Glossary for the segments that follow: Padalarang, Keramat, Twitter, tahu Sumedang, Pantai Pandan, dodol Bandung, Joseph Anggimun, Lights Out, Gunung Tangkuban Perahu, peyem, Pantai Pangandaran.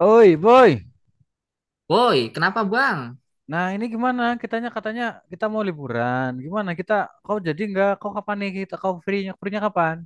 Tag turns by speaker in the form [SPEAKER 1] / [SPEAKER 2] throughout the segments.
[SPEAKER 1] Oi, boy.
[SPEAKER 2] Woi, kenapa Bang?
[SPEAKER 1] Nah, ini gimana? Kitanya katanya kita mau liburan. Gimana kita? Kau jadi nggak? Kau kapan nih kita? Kau free-nya? Free-nya kapan?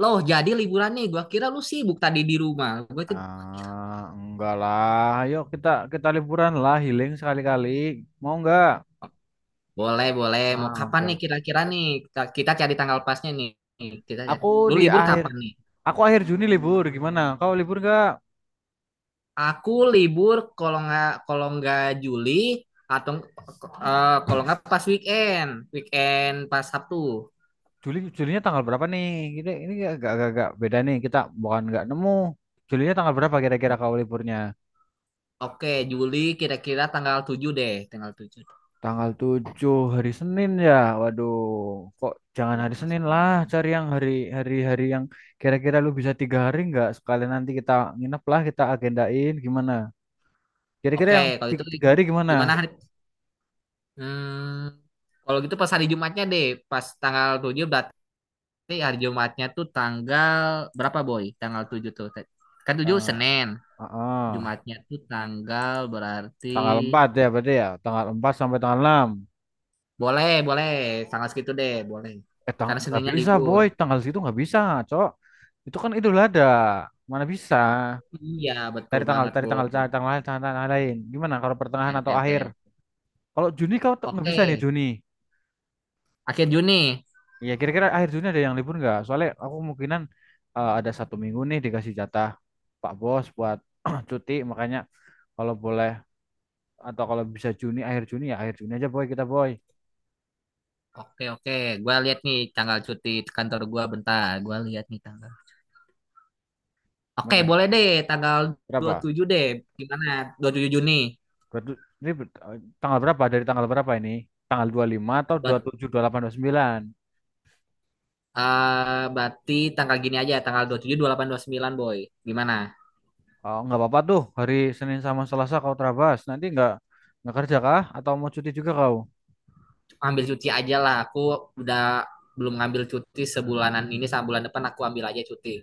[SPEAKER 2] Loh, jadi liburan nih. Gua kira lu sibuk tadi di rumah. Gue tuh.
[SPEAKER 1] Ah, enggak lah. Ayo kita kita liburan lah, healing sekali-kali. Mau nggak?
[SPEAKER 2] Boleh, boleh. Mau
[SPEAKER 1] Ah,
[SPEAKER 2] kapan
[SPEAKER 1] oke.
[SPEAKER 2] nih
[SPEAKER 1] Oke.
[SPEAKER 2] kira-kira nih? Kita cari tanggal pasnya nih. Kita cari.
[SPEAKER 1] Aku
[SPEAKER 2] Lu
[SPEAKER 1] di
[SPEAKER 2] libur
[SPEAKER 1] akhir,
[SPEAKER 2] kapan nih?
[SPEAKER 1] aku akhir Juni libur. Gimana? Kau libur nggak?
[SPEAKER 2] Aku libur kalau nggak Juli atau kalau nggak pas weekend, weekend pas Sabtu.
[SPEAKER 1] Juli, Julinya tanggal berapa nih? Ini agak-agak beda nih. Kita bukan nggak nemu. Julinya tanggal berapa kira-kira
[SPEAKER 2] O-
[SPEAKER 1] kau liburnya?
[SPEAKER 2] Oke, Juli kira-kira tanggal 7 deh, tanggal 7.
[SPEAKER 1] Tanggal 7 hari Senin ya. Waduh, kok jangan hari
[SPEAKER 2] Mas-
[SPEAKER 1] Senin lah, cari yang hari hari hari yang kira-kira lu bisa tiga hari nggak? Sekalian nanti kita nginep lah, kita agendain gimana? Kira-kira
[SPEAKER 2] Oke,
[SPEAKER 1] yang
[SPEAKER 2] kalau itu
[SPEAKER 1] tiga hari gimana?
[SPEAKER 2] gimana hari? Hmm, Kalau gitu pas hari Jumatnya deh, pas tanggal 7 berarti. Tapi hari Jumatnya tuh tanggal berapa, Boy? Tanggal 7 tuh. Kan 7
[SPEAKER 1] Ah,
[SPEAKER 2] Senin.
[SPEAKER 1] ah.
[SPEAKER 2] Jumatnya tuh tanggal berarti.
[SPEAKER 1] Tanggal 4 ya berarti ya, tanggal empat sampai tanggal enam.
[SPEAKER 2] Boleh, boleh. Tanggal segitu deh, boleh.
[SPEAKER 1] Eh, tang
[SPEAKER 2] Karena
[SPEAKER 1] Nggak
[SPEAKER 2] Seninnya
[SPEAKER 1] bisa
[SPEAKER 2] libur.
[SPEAKER 1] boy, tanggal situ nggak bisa, cok. Itu kan Idul Adha, mana bisa?
[SPEAKER 2] Iya, betul
[SPEAKER 1] Cari tanggal,
[SPEAKER 2] banget,
[SPEAKER 1] cari tanggal,
[SPEAKER 2] Boy.
[SPEAKER 1] cari tanggal lain, tanggal, tanggal lain. Gimana kalau pertengahan
[SPEAKER 2] Oke,
[SPEAKER 1] atau akhir?
[SPEAKER 2] oke, oke.
[SPEAKER 1] Kalau Juni kau tuh nggak
[SPEAKER 2] Oke,
[SPEAKER 1] bisa nih Juni.
[SPEAKER 2] akhir Juni.
[SPEAKER 1] Iya, kira-kira akhir Juni ada yang libur nggak? Soalnya aku kemungkinan ada satu minggu nih dikasih jatah Pak Bos buat cuti, makanya kalau boleh atau kalau bisa Juni, akhir Juni ya akhir Juni aja boy kita boy.
[SPEAKER 2] Oke, oke. Gua lihat nih tanggal cuti kantor gua bentar. Gua lihat nih tanggal. Oke,
[SPEAKER 1] Mana?
[SPEAKER 2] boleh deh tanggal dua puluh
[SPEAKER 1] Berapa?
[SPEAKER 2] tujuh deh. Gimana? 27 Juni
[SPEAKER 1] Tanggal berapa? Dari tanggal berapa ini? Tanggal 25 atau dua
[SPEAKER 2] buat.
[SPEAKER 1] puluh tujuh, dua puluh delapan, dua puluh tujuh 27, 28,
[SPEAKER 2] Berarti tanggal gini aja, tanggal dua dua puluh puluh tujuh 28 29, Boy. Gimana?
[SPEAKER 1] 29? Oh, nggak apa-apa tuh hari Senin sama Selasa kau terabas. Nanti nggak kerja kah? Atau mau cuti juga kau?
[SPEAKER 2] Ambil cuti aja lah. Aku udah belum ngambil cuti sebulanan ini, sama bulan depan aku ambil aja cuti.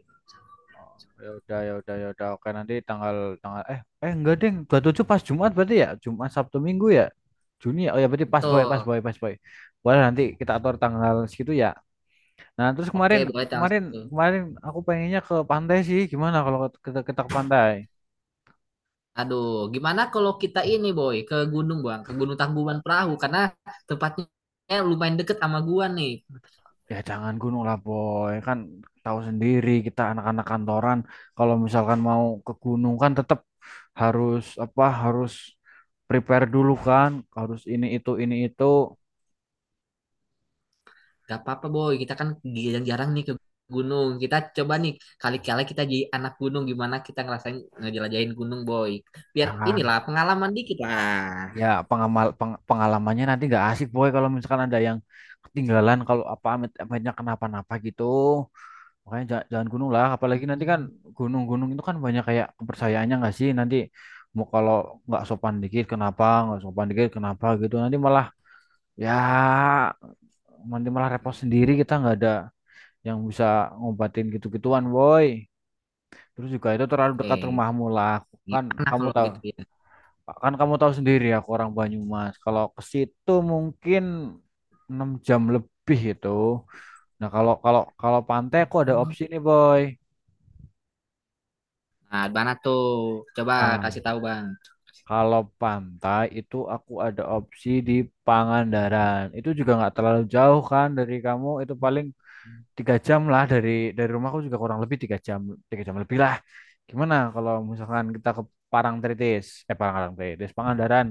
[SPEAKER 1] Oh, ya udah, oke, nanti tanggal tanggal eh eh enggak ding 27 pas Jumat berarti ya Jumat Sabtu Minggu ya Juni ya, oh ya berarti
[SPEAKER 2] Betul.
[SPEAKER 1] pas boy. Boleh nanti kita atur tanggal segitu ya. Nah terus
[SPEAKER 2] Oke,
[SPEAKER 1] kemarin
[SPEAKER 2] boleh tanggal
[SPEAKER 1] kemarin
[SPEAKER 2] situ.
[SPEAKER 1] kemarin aku pengennya ke pantai sih. Gimana kalau kita ke pantai?
[SPEAKER 2] Aduh, gimana kalau kita ini, Boy, ke gunung, Bang, ke Gunung Tangkuban Perahu karena tempatnya lumayan deket sama gua nih.
[SPEAKER 1] Ya jangan gunung lah boy, kan tahu sendiri kita anak-anak kantoran, kalau misalkan mau ke gunung kan tetap harus apa harus prepare dulu kan, harus ini itu.
[SPEAKER 2] Gak apa-apa, boy, kita kan jarang-jarang nih ke gunung. Kita coba nih kali-kali kita jadi anak gunung gimana kita ngerasain ngejelajahin gunung, boy. Biar
[SPEAKER 1] Ah,
[SPEAKER 2] inilah pengalaman dikit lah.
[SPEAKER 1] ya pengalamannya nanti nggak asik boy kalau misalkan ada yang ketinggalan, kalau apa, amit amitnya kenapa-napa gitu, makanya jangan gunung lah, apalagi nanti kan
[SPEAKER 2] Hmm.
[SPEAKER 1] gunung-gunung itu kan banyak kayak kepercayaannya nggak sih, nanti mau kalau nggak sopan dikit kenapa, nggak sopan dikit kenapa gitu, nanti malah ya nanti malah repot sendiri, kita nggak ada yang bisa ngobatin gitu-gituan boy. Terus juga itu terlalu dekat
[SPEAKER 2] Oke,
[SPEAKER 1] rumahmu lah. kan
[SPEAKER 2] gimana
[SPEAKER 1] kamu
[SPEAKER 2] kalau
[SPEAKER 1] tahu
[SPEAKER 2] gitu ya?
[SPEAKER 1] Kan kamu tahu sendiri aku orang Banyumas. Kalau ke situ mungkin 6 jam lebih itu. Nah, kalau kalau kalau pantai aku ada opsi nih, Boy.
[SPEAKER 2] Nah, mana tuh? Coba
[SPEAKER 1] Nah,
[SPEAKER 2] kasih tahu, Bang.
[SPEAKER 1] kalau pantai itu aku ada opsi di Pangandaran. Itu juga nggak terlalu jauh kan dari kamu. Itu paling tiga jam lah dari rumahku, juga kurang lebih tiga jam lebih lah. Gimana kalau misalkan kita ke Parangtritis? Eh, Parangtritis, Pangandaran.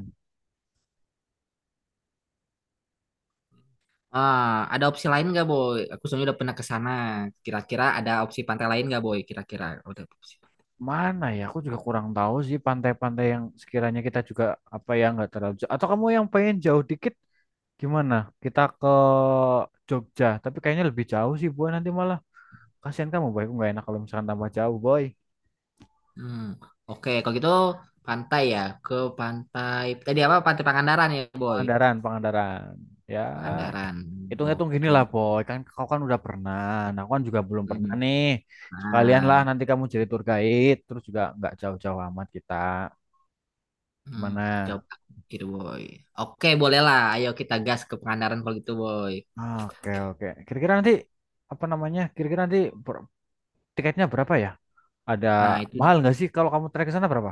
[SPEAKER 2] Ah, ada opsi lain nggak, boy? Aku soalnya udah pernah ke sana. Kira-kira ada opsi pantai lain nggak, boy? Kira-kira udah opsi.
[SPEAKER 1] Mana ya? Aku juga kurang tahu sih pantai-pantai yang sekiranya kita juga apa ya, nggak terlalu jauh. Atau kamu yang pengen jauh dikit gimana? Kita ke Jogja, tapi kayaknya lebih jauh sih boy nanti malah. Kasihan kamu boy, aku nggak enak kalau misalkan tambah jauh boy.
[SPEAKER 2] Hmm. Oke, kalau gitu pantai ya ke pantai. Tadi apa? Pantai Pangandaran ya, boy.
[SPEAKER 1] Pangandaran, Pangandaran. Ya,
[SPEAKER 2] Pangandaran.
[SPEAKER 1] hitung-hitung gini
[SPEAKER 2] Oke.
[SPEAKER 1] lah boy. Kan kau kan udah pernah, nah, aku kan juga belum pernah
[SPEAKER 2] Hmm.
[SPEAKER 1] nih. Sekalian lah
[SPEAKER 2] Nah,
[SPEAKER 1] nanti kamu jadi tour guide, terus juga nggak jauh-jauh amat kita.
[SPEAKER 2] hmm.
[SPEAKER 1] Gimana?
[SPEAKER 2] Coba pikir, boy. Oke, bolehlah. Ayo kita gas ke Pangandaran kalau gitu, boy.
[SPEAKER 1] Oke, oke. Kira-kira nanti apa namanya? Kira-kira nanti per- tiketnya berapa ya? Ada
[SPEAKER 2] Nah, itu
[SPEAKER 1] mahal nggak sih, kalau kamu trek ke sana berapa?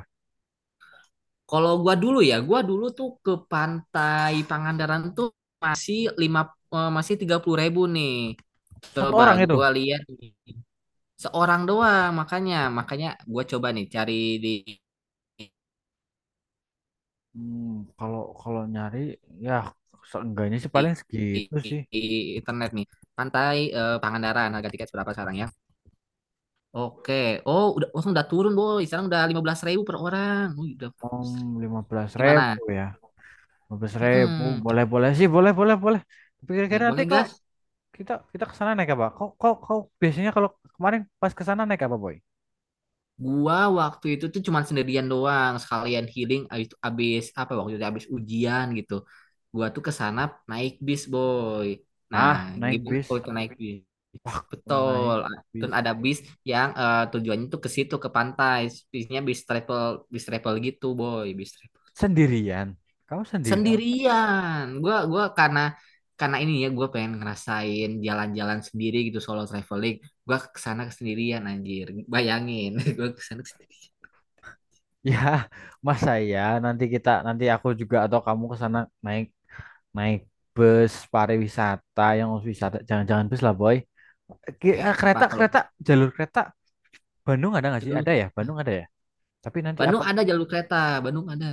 [SPEAKER 2] kalau gua dulu ya, gua dulu tuh ke pantai Pangandaran tuh masih lima eh, masih 30.000 nih.
[SPEAKER 1] Satu
[SPEAKER 2] Coba
[SPEAKER 1] orang itu.
[SPEAKER 2] gua lihat nih. Seorang doang makanya makanya gua coba nih cari di,
[SPEAKER 1] Hmm, kalau kalau nyari ya seenggaknya sih paling
[SPEAKER 2] di- di-
[SPEAKER 1] segitu sih.
[SPEAKER 2] di internet nih. Pantai Pangandaran harga tiket berapa sekarang ya? Oke. Oh, udah langsung udah turun, Boy. Sekarang udah 15.000 per orang. Wih, udah
[SPEAKER 1] Om lima belas
[SPEAKER 2] gimana?
[SPEAKER 1] ribu ya. Lima belas ribu
[SPEAKER 2] Mm-mm.
[SPEAKER 1] boleh boleh sih boleh boleh boleh. Tapi
[SPEAKER 2] Boleh,
[SPEAKER 1] kira-kira nanti
[SPEAKER 2] boleh,
[SPEAKER 1] kok
[SPEAKER 2] gas.
[SPEAKER 1] kita kita ke sana naik apa? Kok kok kau biasanya kalau kemarin pas ke sana naik apa boy?
[SPEAKER 2] Gua waktu itu tuh cuman sendirian doang, sekalian healing abis, abis apa waktu itu abis ujian gitu. Gua tuh ke sana naik bis, Boy. Nah,
[SPEAKER 1] Ah naik
[SPEAKER 2] gimana
[SPEAKER 1] bis.
[SPEAKER 2] kalau kita naik bis?
[SPEAKER 1] Ah
[SPEAKER 2] Betul.
[SPEAKER 1] naik
[SPEAKER 2] Dan
[SPEAKER 1] bis.
[SPEAKER 2] ada bis yang tujuannya tuh ke situ ke pantai. Bisnya bis travel gitu, Boy, bis travel.
[SPEAKER 1] Sendirian. Kamu sendirian?
[SPEAKER 2] Sendirian gua karena ini ya gua pengen ngerasain jalan-jalan sendiri gitu solo traveling. Gua kesana sendirian anjir, bayangin. Gua kesana sendirian
[SPEAKER 1] Ya, masa ya nanti kita, nanti aku juga atau kamu ke sana naik naik bus pariwisata yang harus wisata, jangan-jangan bus lah boy.
[SPEAKER 2] kayak apa.
[SPEAKER 1] Kereta,
[SPEAKER 2] Kalau
[SPEAKER 1] jalur kereta Bandung ada nggak sih?
[SPEAKER 2] jalur
[SPEAKER 1] Ada ya, Bandung ada ya. Tapi nanti apa,
[SPEAKER 2] Bandung ada, jalur kereta Bandung ada.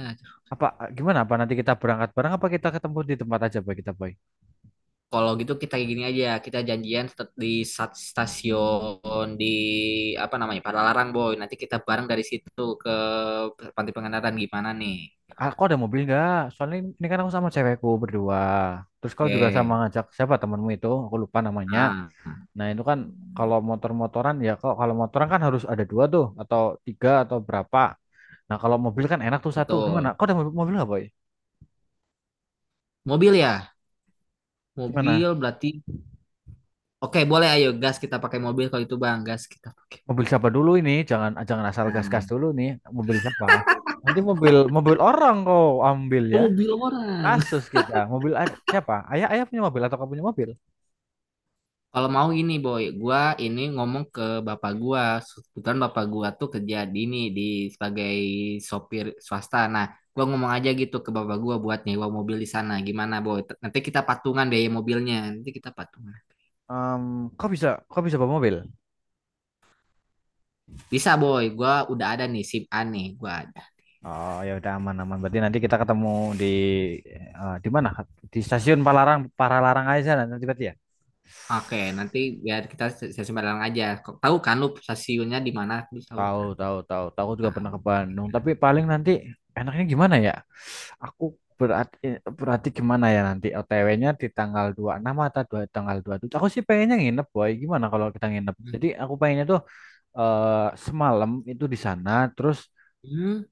[SPEAKER 1] apa gimana, apa nanti kita berangkat bareng apa kita ketemu di tempat aja boy, kita boy.
[SPEAKER 2] Kalau gitu kita kayak gini aja, kita janjian tetap di stasiun di apa namanya Padalarang, boy. Nanti kita bareng dari situ ke Pantai Pengandaran, gimana nih?
[SPEAKER 1] Aku ada mobil nggak, soalnya ini kan aku sama cewekku berdua, terus kau
[SPEAKER 2] Oke.
[SPEAKER 1] juga sama ngajak siapa temanmu itu, aku lupa namanya.
[SPEAKER 2] ah
[SPEAKER 1] Nah itu kan kalau motor-motoran ya, kok kalau motoran kan harus ada dua tuh atau tiga atau berapa. Nah kalau mobil kan enak tuh satu, gimana
[SPEAKER 2] Betul.
[SPEAKER 1] kau ada mobil, mobil nggak boy?
[SPEAKER 2] Mobil ya, mobil
[SPEAKER 1] Gimana?
[SPEAKER 2] berarti. Oke, boleh, ayo gas kita pakai mobil kalau itu, Bang, gas kita pakai.
[SPEAKER 1] Mobil siapa dulu ini? Jangan jangan asal gas-gas
[SPEAKER 2] Nah,
[SPEAKER 1] dulu nih. Mobil siapa? Nanti mobil mobil orang kau ambil
[SPEAKER 2] oh,
[SPEAKER 1] ya.
[SPEAKER 2] mobil orang.
[SPEAKER 1] Kasus kita. Mobil ada siapa? Ayah Ayah punya mobil atau kau punya mobil?
[SPEAKER 2] Kalau mau ini, Boy, gua ini ngomong ke bapak gua, kebetulan bapak gua tuh kerja di ini di sebagai sopir swasta. Nah, gua ngomong aja gitu ke bapak gua buat nyewa mobil di sana. Gimana, Boy? Nanti kita patungan deh mobilnya. Nanti kita patungan.
[SPEAKER 1] Em, kau bisa bawa mobil?
[SPEAKER 2] Bisa, Boy, gua udah ada nih SIM A nih, gua ada.
[SPEAKER 1] Oh ya udah, aman aman. Berarti nanti kita ketemu di di mana? Di stasiun Palaran Paralarang aja sana nanti berarti ya.
[SPEAKER 2] Oke, nanti biar kita stasiun Balang aja. Kok, tahu kan lu stasiunnya di mana? Lu tahu
[SPEAKER 1] Tahu,
[SPEAKER 2] kan?
[SPEAKER 1] tahu. Aku juga
[SPEAKER 2] Tahu.
[SPEAKER 1] pernah ke Bandung. Tapi paling nanti enaknya gimana ya? Aku berarti, gimana ya nanti OTW-nya di tanggal dua puluh enam atau dua, tanggal dua puluh tujuh. Aku sih pengennya nginep, boy. Gimana kalau kita nginep?
[SPEAKER 2] Hmm.
[SPEAKER 1] Jadi aku pengennya tuh eh, semalam itu di sana, terus
[SPEAKER 2] Hmm.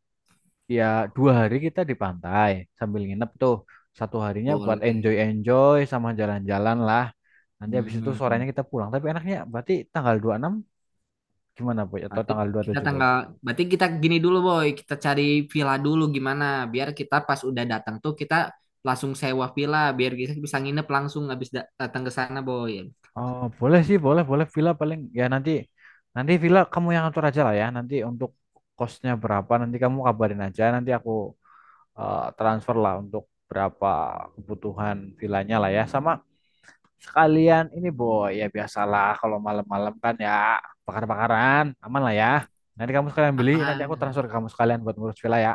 [SPEAKER 1] ya dua hari kita di pantai sambil nginep tuh. Satu harinya buat
[SPEAKER 2] Boleh.
[SPEAKER 1] enjoy-enjoy sama jalan-jalan lah. Nanti habis itu
[SPEAKER 2] Hmm.
[SPEAKER 1] sorenya kita pulang. Tapi enaknya berarti tanggal dua puluh enam gimana, boy? Atau
[SPEAKER 2] Berarti
[SPEAKER 1] tanggal dua puluh
[SPEAKER 2] kita
[SPEAKER 1] tujuh boy?
[SPEAKER 2] tanggal, berarti kita gini dulu, boy, kita cari villa dulu gimana, biar kita pas udah datang tuh kita langsung sewa villa, biar kita bisa nginep langsung habis datang ke sana, boy.
[SPEAKER 1] Oh, boleh sih, boleh, boleh villa. Paling ya nanti nanti villa kamu yang atur aja lah ya. Nanti untuk kosnya berapa nanti kamu kabarin aja. Nanti aku transfer lah untuk berapa kebutuhan villanya lah ya. Sama sekalian ini boy ya, biasalah kalau malam-malam kan ya bakar-bakaran aman lah ya. Nanti kamu sekalian beli, nanti aku
[SPEAKER 2] Aman.
[SPEAKER 1] transfer ke kamu sekalian buat ngurus villa ya.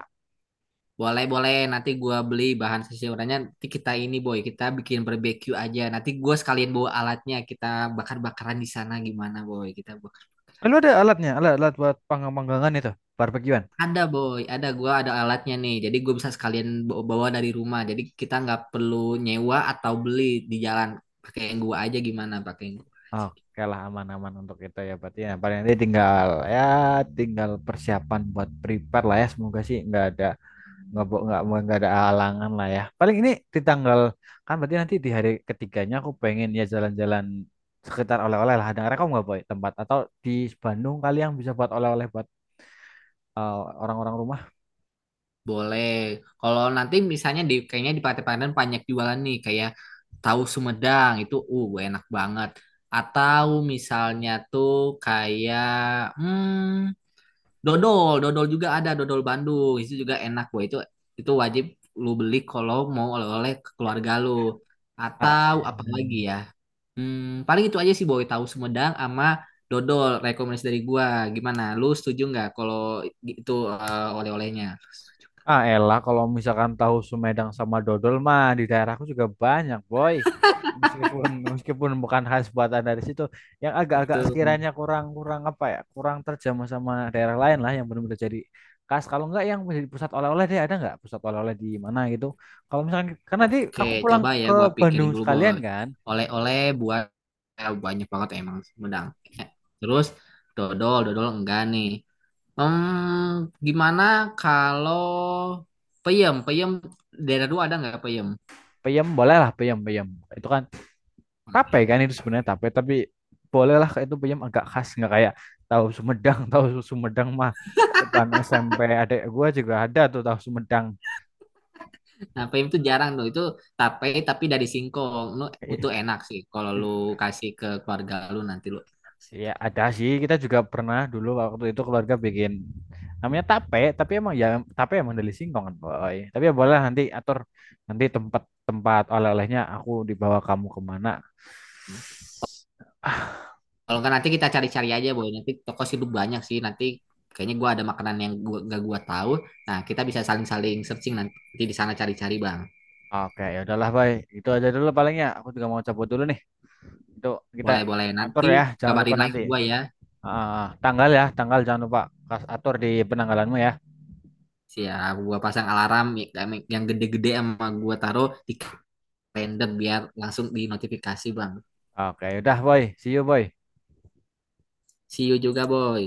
[SPEAKER 2] Boleh, boleh, nanti gua beli bahan seseorangnya, nanti kita ini, boy, kita bikin barbecue aja. Nanti gua sekalian bawa alatnya, kita bakar-bakaran di sana gimana, boy, kita bakar.
[SPEAKER 1] Eh, ada alatnya, alat alat buat panggang-panggangan itu, barbekyuan.
[SPEAKER 2] Ada, boy, ada gua ada alatnya nih. Jadi gue bisa sekalian bawa bawa dari rumah. Jadi kita nggak perlu nyewa atau beli di jalan. Pakai yang gua aja gimana? Pakai yang gua.
[SPEAKER 1] Oke lah, aman-aman untuk itu ya. Berarti ya paling nanti tinggal ya tinggal persiapan buat prepare lah ya, semoga sih nggak ada nggak bo- nggak mau- nggak ada halangan lah ya. Paling ini di tanggal kan, berarti nanti di hari ketiganya aku pengen ya jalan-jalan sekitar oleh-oleh lah. Ada rekom nggak boy tempat atau di Bandung kalian bisa buat oleh-oleh buat eh, orang-orang rumah?
[SPEAKER 2] Boleh. Kalau nanti misalnya kayaknya di Pantai Pandan banyak jualan nih kayak tahu Sumedang itu enak banget. Atau misalnya tuh kayak hmm, dodol juga ada, dodol Bandung. Itu juga enak, gue itu wajib lu beli kalau mau oleh-oleh ke keluarga lu.
[SPEAKER 1] Ah,
[SPEAKER 2] Atau apa lagi ya? Paling itu aja sih, boy, tahu Sumedang sama dodol rekomendasi dari gua. Gimana? Lu setuju nggak kalau itu oleh-olehnya?
[SPEAKER 1] Ah, elah kalau misalkan tahu Sumedang sama dodol mah di daerahku juga banyak, boy. Meskipun meskipun bukan khas buatan dari situ, yang agak-agak
[SPEAKER 2] Betul.
[SPEAKER 1] sekiranya kurang-kurang apa ya, kurang terjamah sama daerah lain lah yang benar-benar jadi khas. Kalau enggak yang menjadi pusat oleh-oleh deh, ada nggak pusat oleh-oleh di mana gitu? Kalau misalkan karena nanti
[SPEAKER 2] Oke,
[SPEAKER 1] aku pulang
[SPEAKER 2] coba ya
[SPEAKER 1] ke
[SPEAKER 2] gua
[SPEAKER 1] Bandung
[SPEAKER 2] pikirin dulu,
[SPEAKER 1] sekalian
[SPEAKER 2] boy.
[SPEAKER 1] kan,
[SPEAKER 2] Oleh-oleh buat banyak banget emang Sumedang. Eh, Terus dodol enggak nih. Gimana kalau peyem? Peyem daerah lu ada nggak peyem?
[SPEAKER 1] peyem boleh lah, peyem peyem. Itu kan tape kan, itu sebenarnya tape tapi bolehlah, itu peyem agak khas nggak kayak tahu Sumedang. Tahu Sumedang mah depan SMP adek gua juga ada tuh tahu Sumedang.
[SPEAKER 2] Nah, peyem tuh jarang tuh. Itu tape tapi dari singkong. Lu oh, itu enak sih kalau lu kasih ke keluarga lu nanti lu.
[SPEAKER 1] Ya ada sih, kita juga pernah dulu waktu itu keluarga bikin namanya tape, tapi emang ya tape emang dari singkong kan boy. Tapi ya boleh nanti atur nanti tempat tempat oleh-olehnya, aku dibawa kamu kemana.
[SPEAKER 2] Kalau nggak nanti kita cari-cari aja, boy. Nanti toko sih lu banyak sih. Nanti kayaknya gua ada makanan yang gua gak gua tahu. Nah, kita bisa saling-saling searching nanti di sana cari-cari, Bang.
[SPEAKER 1] Ah, oke ya udahlah boy, itu aja dulu palingnya, aku juga mau cabut dulu nih. Itu kita
[SPEAKER 2] Boleh-boleh,
[SPEAKER 1] atur
[SPEAKER 2] nanti
[SPEAKER 1] ya, jangan lupa
[SPEAKER 2] kabarin lagi
[SPEAKER 1] nanti.
[SPEAKER 2] ke gua ya.
[SPEAKER 1] Ah, tanggal ya, tanggal jangan lupa kas atur di penanggalanmu ya.
[SPEAKER 2] Siap, gua pasang alarm yang gede-gede sama gua taruh di random biar langsung di notifikasi, Bang.
[SPEAKER 1] Oke, udah boy, see you boy.
[SPEAKER 2] See you juga, boy.